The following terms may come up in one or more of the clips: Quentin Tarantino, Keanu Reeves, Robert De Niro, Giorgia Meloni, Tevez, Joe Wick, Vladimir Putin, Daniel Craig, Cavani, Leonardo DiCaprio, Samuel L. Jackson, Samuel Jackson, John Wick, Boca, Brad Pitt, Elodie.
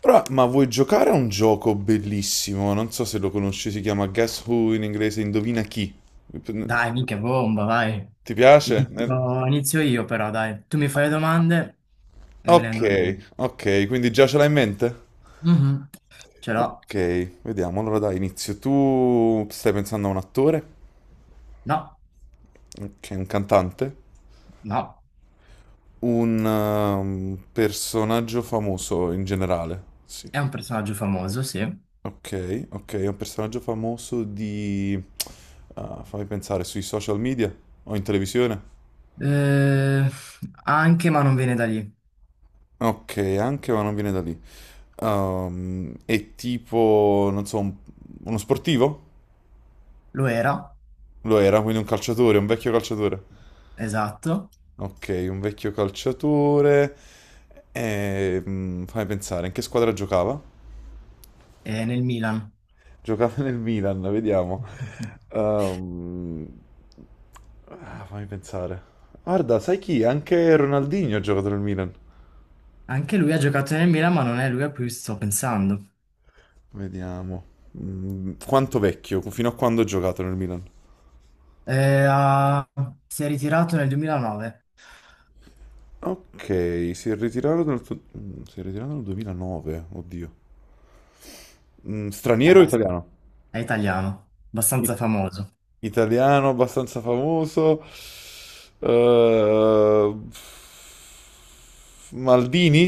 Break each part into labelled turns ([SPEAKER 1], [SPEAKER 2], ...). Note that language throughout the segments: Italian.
[SPEAKER 1] Però, ma vuoi giocare a un gioco bellissimo? Non so se lo conosci, si chiama Guess Who in inglese, Indovina chi.
[SPEAKER 2] Dai, minchia bomba, vai.
[SPEAKER 1] Ti piace?
[SPEAKER 2] Inizio, inizio io però, dai. Tu mi fai le domande e me ne
[SPEAKER 1] Ok,
[SPEAKER 2] ando io.
[SPEAKER 1] ok, quindi già ce l'hai in mente?
[SPEAKER 2] Mhm. Ce l'ho.
[SPEAKER 1] Ok, vediamo. Allora dai, inizio. Tu stai pensando a un attore?
[SPEAKER 2] No,
[SPEAKER 1] Ok, un cantante?
[SPEAKER 2] no.
[SPEAKER 1] Un personaggio famoso in generale? Sì.
[SPEAKER 2] È un personaggio famoso, sì.
[SPEAKER 1] Ok, ok, è un personaggio famoso di, fammi pensare, sui social media o in televisione?
[SPEAKER 2] Eh, Anche, ma non viene da lì.
[SPEAKER 1] Ok, anche ma non viene da lì. È tipo, non so, uno sportivo?
[SPEAKER 2] Lo era,
[SPEAKER 1] Lo era, quindi un calciatore, un vecchio calciatore.
[SPEAKER 2] esatto,
[SPEAKER 1] Ok, un vecchio calciatore. Fammi pensare, in che squadra giocava?
[SPEAKER 2] è nel Milan.
[SPEAKER 1] Giocava nel Milan, vediamo. Ehm, Fammi pensare. Guarda, sai chi? Anche Ronaldinho ha giocato nel Milan.
[SPEAKER 2] Anche lui ha giocato nel Milan, ma non è lui a cui sto pensando.
[SPEAKER 1] Vediamo. Quanto vecchio? Fino a quando ha giocato nel Milan?
[SPEAKER 2] Eh, ha- si è ritirato nel 2009.
[SPEAKER 1] Ok, si è ritirato nel 2009, oddio.
[SPEAKER 2] È,
[SPEAKER 1] Straniero o
[SPEAKER 2] abbast-
[SPEAKER 1] italiano?
[SPEAKER 2] è italiano,
[SPEAKER 1] I-
[SPEAKER 2] abbastanza famoso.
[SPEAKER 1] Italiano, abbastanza famoso. Eh, Maldini?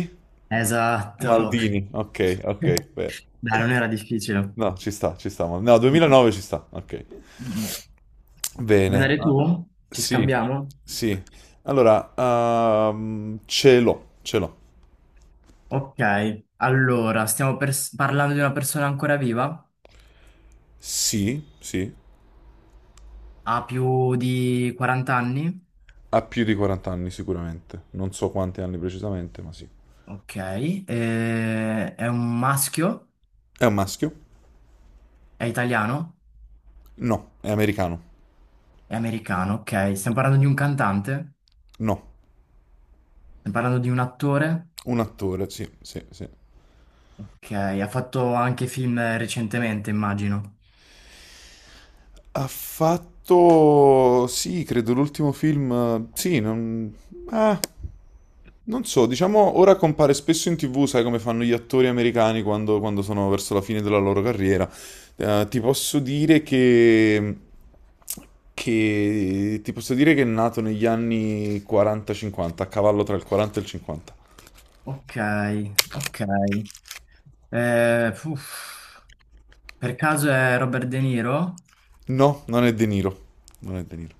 [SPEAKER 2] Esatto.
[SPEAKER 1] Maldini, ok, ok, beh.
[SPEAKER 2] Dai, non era difficile.
[SPEAKER 1] No, ci sta, ci sta. No, 2009 ci sta, ok.
[SPEAKER 2] Mm. Vuoi
[SPEAKER 1] Bene.
[SPEAKER 2] andare
[SPEAKER 1] Ah,
[SPEAKER 2] tu? Ci
[SPEAKER 1] sì,
[SPEAKER 2] scambiamo?
[SPEAKER 1] sì. Allora, ce l'ho, ce l'ho.
[SPEAKER 2] Ok, allora, parlando di una persona ancora viva?
[SPEAKER 1] Sì, sì.
[SPEAKER 2] Ha più di 40 anni?
[SPEAKER 1] Ha più di 40 anni sicuramente, non so quanti anni precisamente, ma sì.
[SPEAKER 2] Ok, è un maschio?
[SPEAKER 1] È un maschio?
[SPEAKER 2] È italiano?
[SPEAKER 1] No. È americano?
[SPEAKER 2] È americano? Ok, stiamo parlando di un cantante?
[SPEAKER 1] No.
[SPEAKER 2] Stiamo parlando di un attore?
[SPEAKER 1] Un attore, sì, sì, sì.
[SPEAKER 2] Ok, ha fatto anche film recentemente, immagino.
[SPEAKER 1] Ha fatto, sì, credo l'ultimo film, sì, ah, non so, diciamo, ora compare spesso in tv, sai come fanno gli attori americani quando sono verso la fine della loro carriera. Ti posso dire che è nato negli anni 40-50, a cavallo tra il 40 e il 50.
[SPEAKER 2] Ok, ok. Uff. Per caso è Robert De Niro?
[SPEAKER 1] No, non è De Niro. Non è De Niro.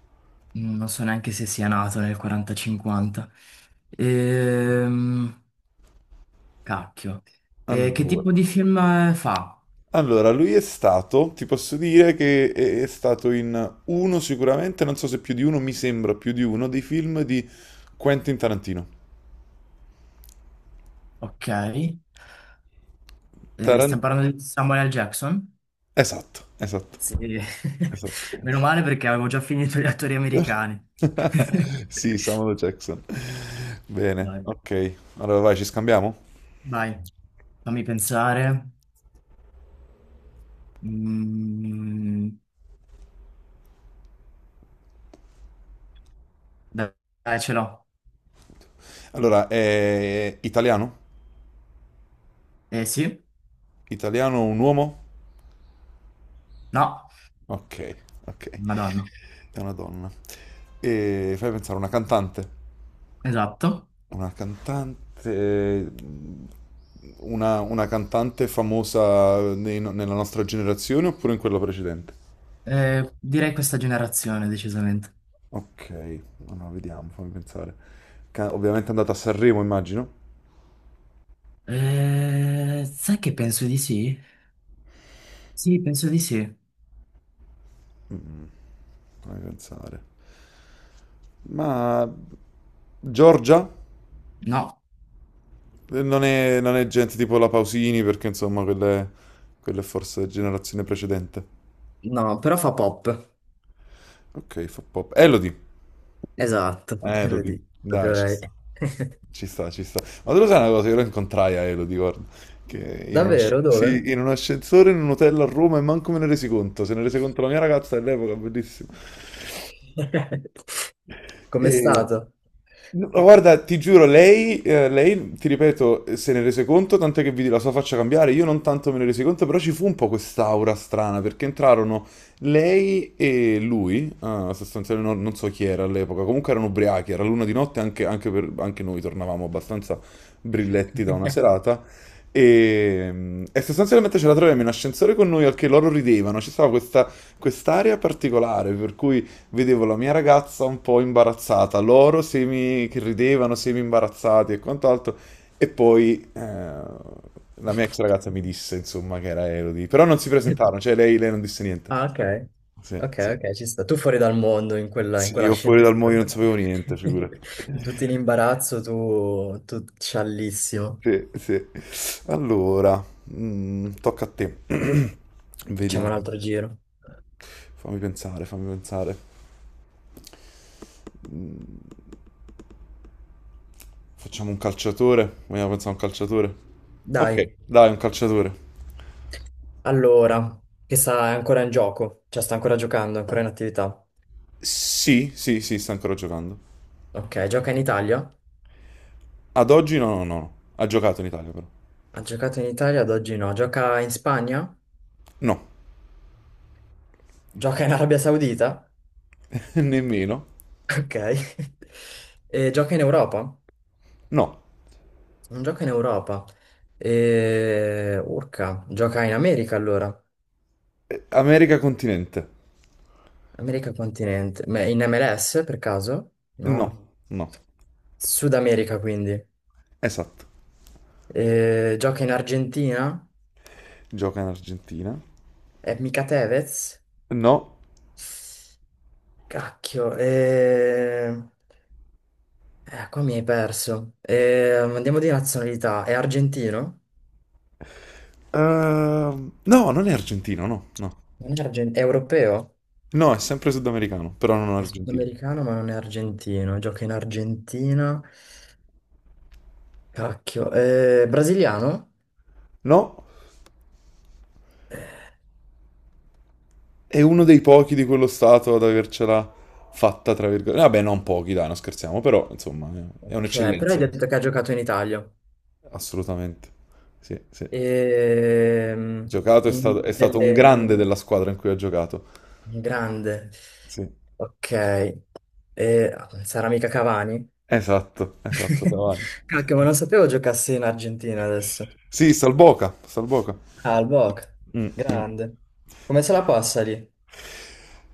[SPEAKER 2] Mm, non so neanche se sia nato nel 40-50. Ehm, Cacchio. Che
[SPEAKER 1] Allora.
[SPEAKER 2] tipo di film fa?
[SPEAKER 1] Allora, lui è stato, ti posso dire che è stato in uno sicuramente, non so se più di uno, mi sembra più di uno, dei film di Quentin Tarantino.
[SPEAKER 2] Ok.
[SPEAKER 1] Taran-
[SPEAKER 2] Stiamo parlando di Samuel L. Jackson?
[SPEAKER 1] Esatto, esatto,
[SPEAKER 2] Sì.
[SPEAKER 1] esatto.
[SPEAKER 2] Meno male perché avevo già finito gli attori americani.
[SPEAKER 1] Sì, Samuel Jackson. Bene,
[SPEAKER 2] Dai,
[SPEAKER 1] ok. Allora vai, ci scambiamo?
[SPEAKER 2] vai, fammi pensare. Mm. Dai, dai, ce l'ho.
[SPEAKER 1] Allora, è italiano?
[SPEAKER 2] Eh sì?
[SPEAKER 1] Italiano un uomo?
[SPEAKER 2] No?
[SPEAKER 1] Ok, ok.
[SPEAKER 2] Madonna.
[SPEAKER 1] È una donna. E fai pensare a una cantante.
[SPEAKER 2] Esatto.
[SPEAKER 1] Una cantante. Una cantante famosa nei no- nella nostra generazione oppure in quella precedente?
[SPEAKER 2] Direi questa generazione, decisamente.
[SPEAKER 1] Ok, allora vediamo, fammi pensare. Ovviamente è andata a Sanremo, immagino.
[SPEAKER 2] Sai che penso di sì? Sì, penso di sì.
[SPEAKER 1] Fammi pensare. Ma Giorgia?
[SPEAKER 2] No.
[SPEAKER 1] Non è gente tipo la Pausini, perché insomma, quella è forse generazione precedente.
[SPEAKER 2] No, però fa pop.
[SPEAKER 1] Ok, fa pop. Elodie.
[SPEAKER 2] Esatto, lo
[SPEAKER 1] Elodie,
[SPEAKER 2] dico proprio
[SPEAKER 1] dai, ci
[SPEAKER 2] lei.
[SPEAKER 1] sta, ci sta, ci sta. Ma tu lo sai una cosa, io lo incontrai a Elodie, guarda, che
[SPEAKER 2] Davvero? Dove?
[SPEAKER 1] in un ascensore in un hotel a Roma e manco me ne resi conto, se ne rese conto la mia ragazza all'epoca, bellissimo.
[SPEAKER 2] Com'è
[SPEAKER 1] E-
[SPEAKER 2] stato?
[SPEAKER 1] no, guarda, ti giuro, lei, ti ripeto, se ne rese conto, tanto che vidi la sua faccia cambiare, io non tanto me ne resi conto, però ci fu un po' quest'aura strana, perché entrarono lei e lui, sostanzialmente non so chi era all'epoca, comunque erano ubriachi, era l'una di notte, anche noi tornavamo abbastanza brilletti da una serata, e sostanzialmente ce la troviamo in ascensore con noi, al che loro ridevano, ci stava questa quest'area particolare, per cui vedevo la mia ragazza un po' imbarazzata, loro semi che ridevano, semi imbarazzati e quant'altro, e poi la mia ex ragazza mi disse, insomma, che era Elodie, però non si presentarono, cioè lei non disse niente.
[SPEAKER 2] Ah, ok.
[SPEAKER 1] Sì,
[SPEAKER 2] Ok,
[SPEAKER 1] sì.
[SPEAKER 2] ok, ci sta. Tu fuori dal mondo in quella, in
[SPEAKER 1] Sì, io fuori dal mondo
[SPEAKER 2] quell'ascensore.
[SPEAKER 1] non sapevo niente, figurati.
[SPEAKER 2] Tutti in imbarazzo, tu, tu sciallissimo.
[SPEAKER 1] Sì, sì. Allora, tocca a te.
[SPEAKER 2] Facciamo
[SPEAKER 1] Vediamo.
[SPEAKER 2] un altro giro.
[SPEAKER 1] Fammi pensare, fammi pensare. Mm, Facciamo un calciatore? Vogliamo pensare a un calciatore?
[SPEAKER 2] Dai,
[SPEAKER 1] Ok, dai, un calciatore.
[SPEAKER 2] allora, che sta è ancora in gioco, cioè sta ancora giocando, è ancora in attività.
[SPEAKER 1] Sì, sì, sì, sta ancora giocando.
[SPEAKER 2] Ok, gioca in Italia?
[SPEAKER 1] Ad oggi no, no, no, no. Ha giocato in Italia però.
[SPEAKER 2] Ha giocato in Italia, ad oggi no. Gioca in Spagna?
[SPEAKER 1] No,
[SPEAKER 2] Gioca in Arabia Saudita?
[SPEAKER 1] nemmeno.
[SPEAKER 2] Ok. E gioca in Europa?
[SPEAKER 1] No.
[SPEAKER 2] Non gioca in Europa. E... urca, gioca in America allora.
[SPEAKER 1] America continente.
[SPEAKER 2] America continente, ma in MLS per caso?
[SPEAKER 1] No,
[SPEAKER 2] No.
[SPEAKER 1] no.
[SPEAKER 2] Sud America quindi.
[SPEAKER 1] Esatto.
[SPEAKER 2] Gioca in Argentina?
[SPEAKER 1] Gioca in Argentina.
[SPEAKER 2] È mica Tevez?
[SPEAKER 1] No.
[SPEAKER 2] Cacchio, qua mi hai perso. Andiamo di nazionalità, è argentino?
[SPEAKER 1] No, non è argentino, no, no.
[SPEAKER 2] Non è, argen- È europeo?
[SPEAKER 1] No, è sempre sudamericano, però non
[SPEAKER 2] È
[SPEAKER 1] argentino.
[SPEAKER 2] sudamericano ma non è argentino, gioca in Argentina. Cacchio, brasiliano?
[SPEAKER 1] No, è uno dei pochi di quello stato ad avercela fatta, tra virgolette. Vabbè, non pochi, dai, non scherziamo, però insomma, è
[SPEAKER 2] Ok, però hai
[SPEAKER 1] un'eccellenza.
[SPEAKER 2] detto che ha giocato in Italia.
[SPEAKER 1] Assolutamente. Sì, sì.
[SPEAKER 2] Ehm,
[SPEAKER 1] Giocato è stato,
[SPEAKER 2] in
[SPEAKER 1] è stato un
[SPEAKER 2] delle- in-
[SPEAKER 1] grande della squadra in cui ha giocato.
[SPEAKER 2] In grande.
[SPEAKER 1] Sì,
[SPEAKER 2] Ok. Eh, sarà mica Cavani?
[SPEAKER 1] esatto, esatto, Cavani.
[SPEAKER 2] Cacchio, ma non sapevo giocassi in Argentina adesso.
[SPEAKER 1] Sì, Salboca, Salboca.
[SPEAKER 2] Ah, il Boca.
[SPEAKER 1] Mm, mm.
[SPEAKER 2] Grande. Come se la passa lì?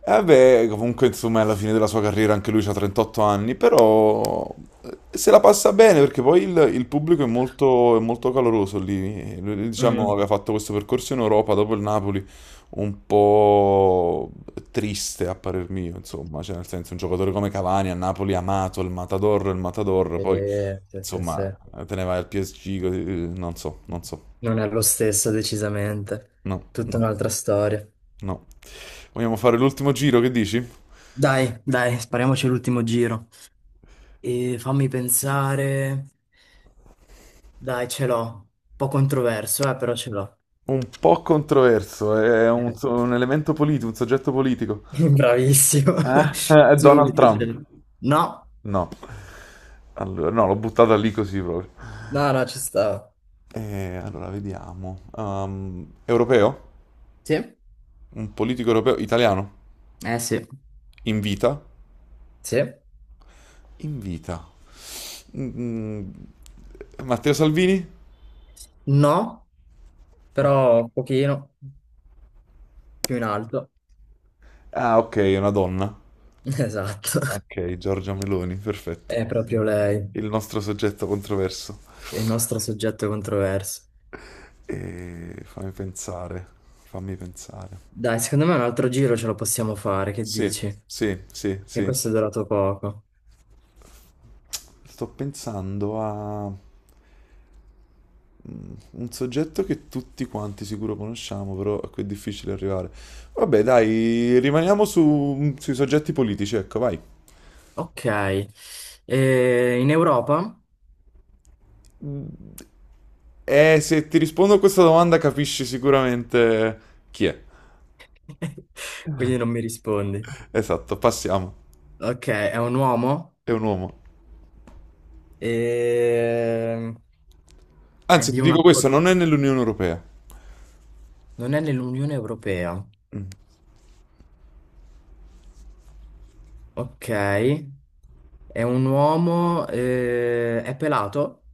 [SPEAKER 1] Eh beh, comunque insomma è alla fine della sua carriera anche lui ha 38 anni, però se la passa bene perché poi il pubblico è molto caloroso lì. Lui, diciamo,
[SPEAKER 2] Mm.
[SPEAKER 1] aveva fatto questo percorso in Europa dopo il Napoli un po' triste a parer mio, insomma, cioè nel senso un giocatore come Cavani a Napoli amato, il Matador, poi
[SPEAKER 2] Sì, sì,
[SPEAKER 1] insomma
[SPEAKER 2] sì.
[SPEAKER 1] te ne vai al PSG, così, non so, non so,
[SPEAKER 2] Non è lo stesso, decisamente.
[SPEAKER 1] no,
[SPEAKER 2] Tutta
[SPEAKER 1] no,
[SPEAKER 2] un'altra storia.
[SPEAKER 1] no. Vogliamo fare l'ultimo giro, che dici?
[SPEAKER 2] Dai, dai, spariamoci l'ultimo giro. E fammi pensare. Dai, ce l'ho. Un po' controverso, però ce l'ho.
[SPEAKER 1] Un po' controverso, è un,
[SPEAKER 2] Eh,
[SPEAKER 1] un elemento politico, un soggetto politico.
[SPEAKER 2] bravissimo.
[SPEAKER 1] Eh? È Donald
[SPEAKER 2] Subito.
[SPEAKER 1] Trump.
[SPEAKER 2] Cioè. No,
[SPEAKER 1] No. Allora, no, l'ho buttata lì così proprio.
[SPEAKER 2] no, no, ci sta.
[SPEAKER 1] Allora, vediamo. Europeo?
[SPEAKER 2] Sì?
[SPEAKER 1] Un politico europeo? Italiano?
[SPEAKER 2] Eh sì.
[SPEAKER 1] In vita?
[SPEAKER 2] Sì.
[SPEAKER 1] In vita. Mm, mm. Matteo Salvini?
[SPEAKER 2] No, però un pochino più in alto.
[SPEAKER 1] Ah, ok, è una donna.
[SPEAKER 2] Esatto.
[SPEAKER 1] Ok, Giorgia Meloni,
[SPEAKER 2] È
[SPEAKER 1] perfetto.
[SPEAKER 2] proprio lei,
[SPEAKER 1] Il nostro soggetto controverso.
[SPEAKER 2] il nostro soggetto controverso.
[SPEAKER 1] E fammi pensare, fammi pensare.
[SPEAKER 2] Dai, secondo me un altro giro ce lo possiamo fare, che
[SPEAKER 1] Sì,
[SPEAKER 2] dici?
[SPEAKER 1] sì, sì,
[SPEAKER 2] Che
[SPEAKER 1] sì.
[SPEAKER 2] questo è durato poco.
[SPEAKER 1] Sto pensando a un soggetto che tutti quanti sicuro conosciamo, però a cui è difficile arrivare. Vabbè, dai, rimaniamo sui soggetti politici, ecco, vai.
[SPEAKER 2] Ok. E in Europa?
[SPEAKER 1] E se ti rispondo a questa domanda capisci sicuramente chi è.
[SPEAKER 2] Quindi non mi rispondi.
[SPEAKER 1] Esatto, passiamo.
[SPEAKER 2] Ok, è un uomo?
[SPEAKER 1] È un uomo.
[SPEAKER 2] Ehm, È
[SPEAKER 1] Anzi,
[SPEAKER 2] di
[SPEAKER 1] ti
[SPEAKER 2] una...
[SPEAKER 1] dico
[SPEAKER 2] cor-
[SPEAKER 1] questo, non è nell'Unione Europea.
[SPEAKER 2] Non è nell'Unione Europea.
[SPEAKER 1] Mm.
[SPEAKER 2] Ok. È pelato?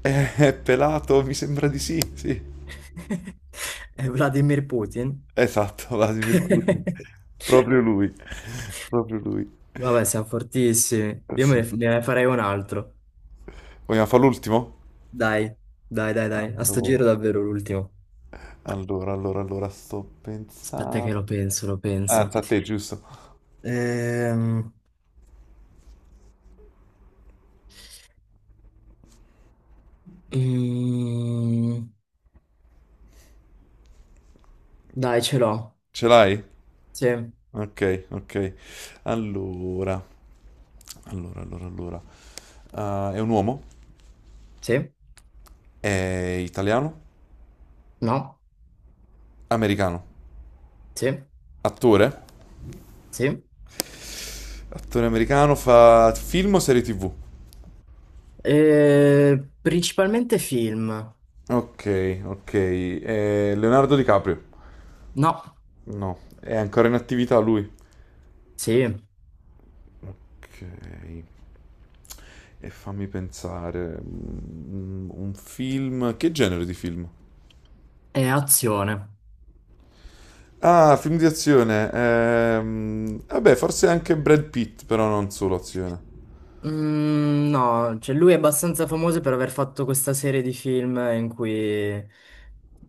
[SPEAKER 1] È pelato, mi sembra di sì, sì.
[SPEAKER 2] È Vladimir Putin?
[SPEAKER 1] Esatto, Vladimir Putin. Proprio lui. Proprio lui.
[SPEAKER 2] Vabbè, siamo fortissimi. Io me
[SPEAKER 1] Sì.
[SPEAKER 2] ne ne farei un altro.
[SPEAKER 1] Vogliamo fare l'ultimo?
[SPEAKER 2] Dai, dai, dai, dai. A sto giro
[SPEAKER 1] Allora,
[SPEAKER 2] davvero l'ultimo.
[SPEAKER 1] allora, allora, allora, sto
[SPEAKER 2] Aspetta che
[SPEAKER 1] pensando.
[SPEAKER 2] lo penso, lo
[SPEAKER 1] Ah,
[SPEAKER 2] penso.
[SPEAKER 1] sta a te, giusto?
[SPEAKER 2] Ehm, mm, Dai, ce l'ho.
[SPEAKER 1] Ce l'hai?
[SPEAKER 2] Sì,
[SPEAKER 1] Ok, ok. Allora, allora, allora, allora. Ah, è un uomo?
[SPEAKER 2] sì,
[SPEAKER 1] È italiano?
[SPEAKER 2] no,
[SPEAKER 1] Americano?
[SPEAKER 2] sì,
[SPEAKER 1] Attore?
[SPEAKER 2] sì.
[SPEAKER 1] Attore americano, fa film o serie TV?
[SPEAKER 2] Principalmente film.
[SPEAKER 1] Ok, ok. È Leonardo DiCaprio?
[SPEAKER 2] No,
[SPEAKER 1] No, è ancora in attività lui.
[SPEAKER 2] sì,
[SPEAKER 1] Ok. E fammi pensare, un film, che genere di film?
[SPEAKER 2] è azione.
[SPEAKER 1] Ah, film di azione, vabbè, forse anche Brad Pitt, però non solo azione.
[SPEAKER 2] Mm, no, cioè lui è abbastanza famoso per aver fatto questa serie di film in cui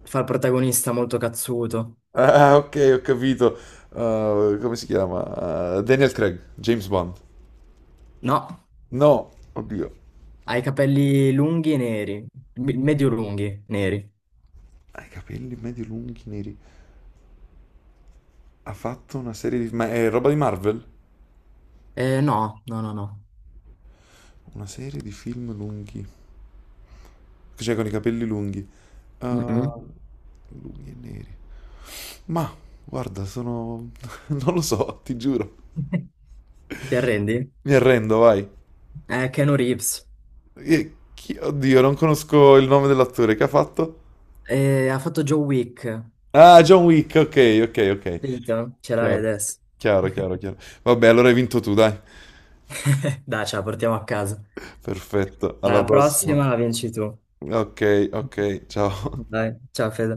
[SPEAKER 2] fa il protagonista molto cazzuto.
[SPEAKER 1] Ah, ok, ho capito. Come si chiama? Daniel Craig, James Bond.
[SPEAKER 2] No,
[SPEAKER 1] No, oddio,
[SPEAKER 2] ha i capelli lunghi e neri, medio lunghi, neri.
[SPEAKER 1] ha i capelli medio lunghi neri. Ha fatto una serie di, ma è roba di Marvel?
[SPEAKER 2] No, no, no, no.
[SPEAKER 1] Una serie di film lunghi, cioè con i capelli lunghi.
[SPEAKER 2] Mm-mm.
[SPEAKER 1] Uh, Lunghi e neri. Ma guarda, sono. Non lo so, ti giuro.
[SPEAKER 2] Ti arrendi?
[SPEAKER 1] Mi arrendo, vai.
[SPEAKER 2] È Keanu Reeves.
[SPEAKER 1] Oddio, non conosco il nome dell'attore che ha fatto.
[SPEAKER 2] Ha fatto Joe Wick.
[SPEAKER 1] Ah, John Wick, ok, ok, ok.
[SPEAKER 2] Finito? Ce l'hai
[SPEAKER 1] Chiaro,
[SPEAKER 2] adesso.
[SPEAKER 1] chiaro, chiaro, chiaro. Vabbè, allora hai vinto tu, dai.
[SPEAKER 2] Dai, ce la portiamo a casa.
[SPEAKER 1] Perfetto, alla
[SPEAKER 2] Alla
[SPEAKER 1] prossima.
[SPEAKER 2] prossima la vinci tu.
[SPEAKER 1] Ok, ok, ciao.
[SPEAKER 2] Dai, ciao Fede.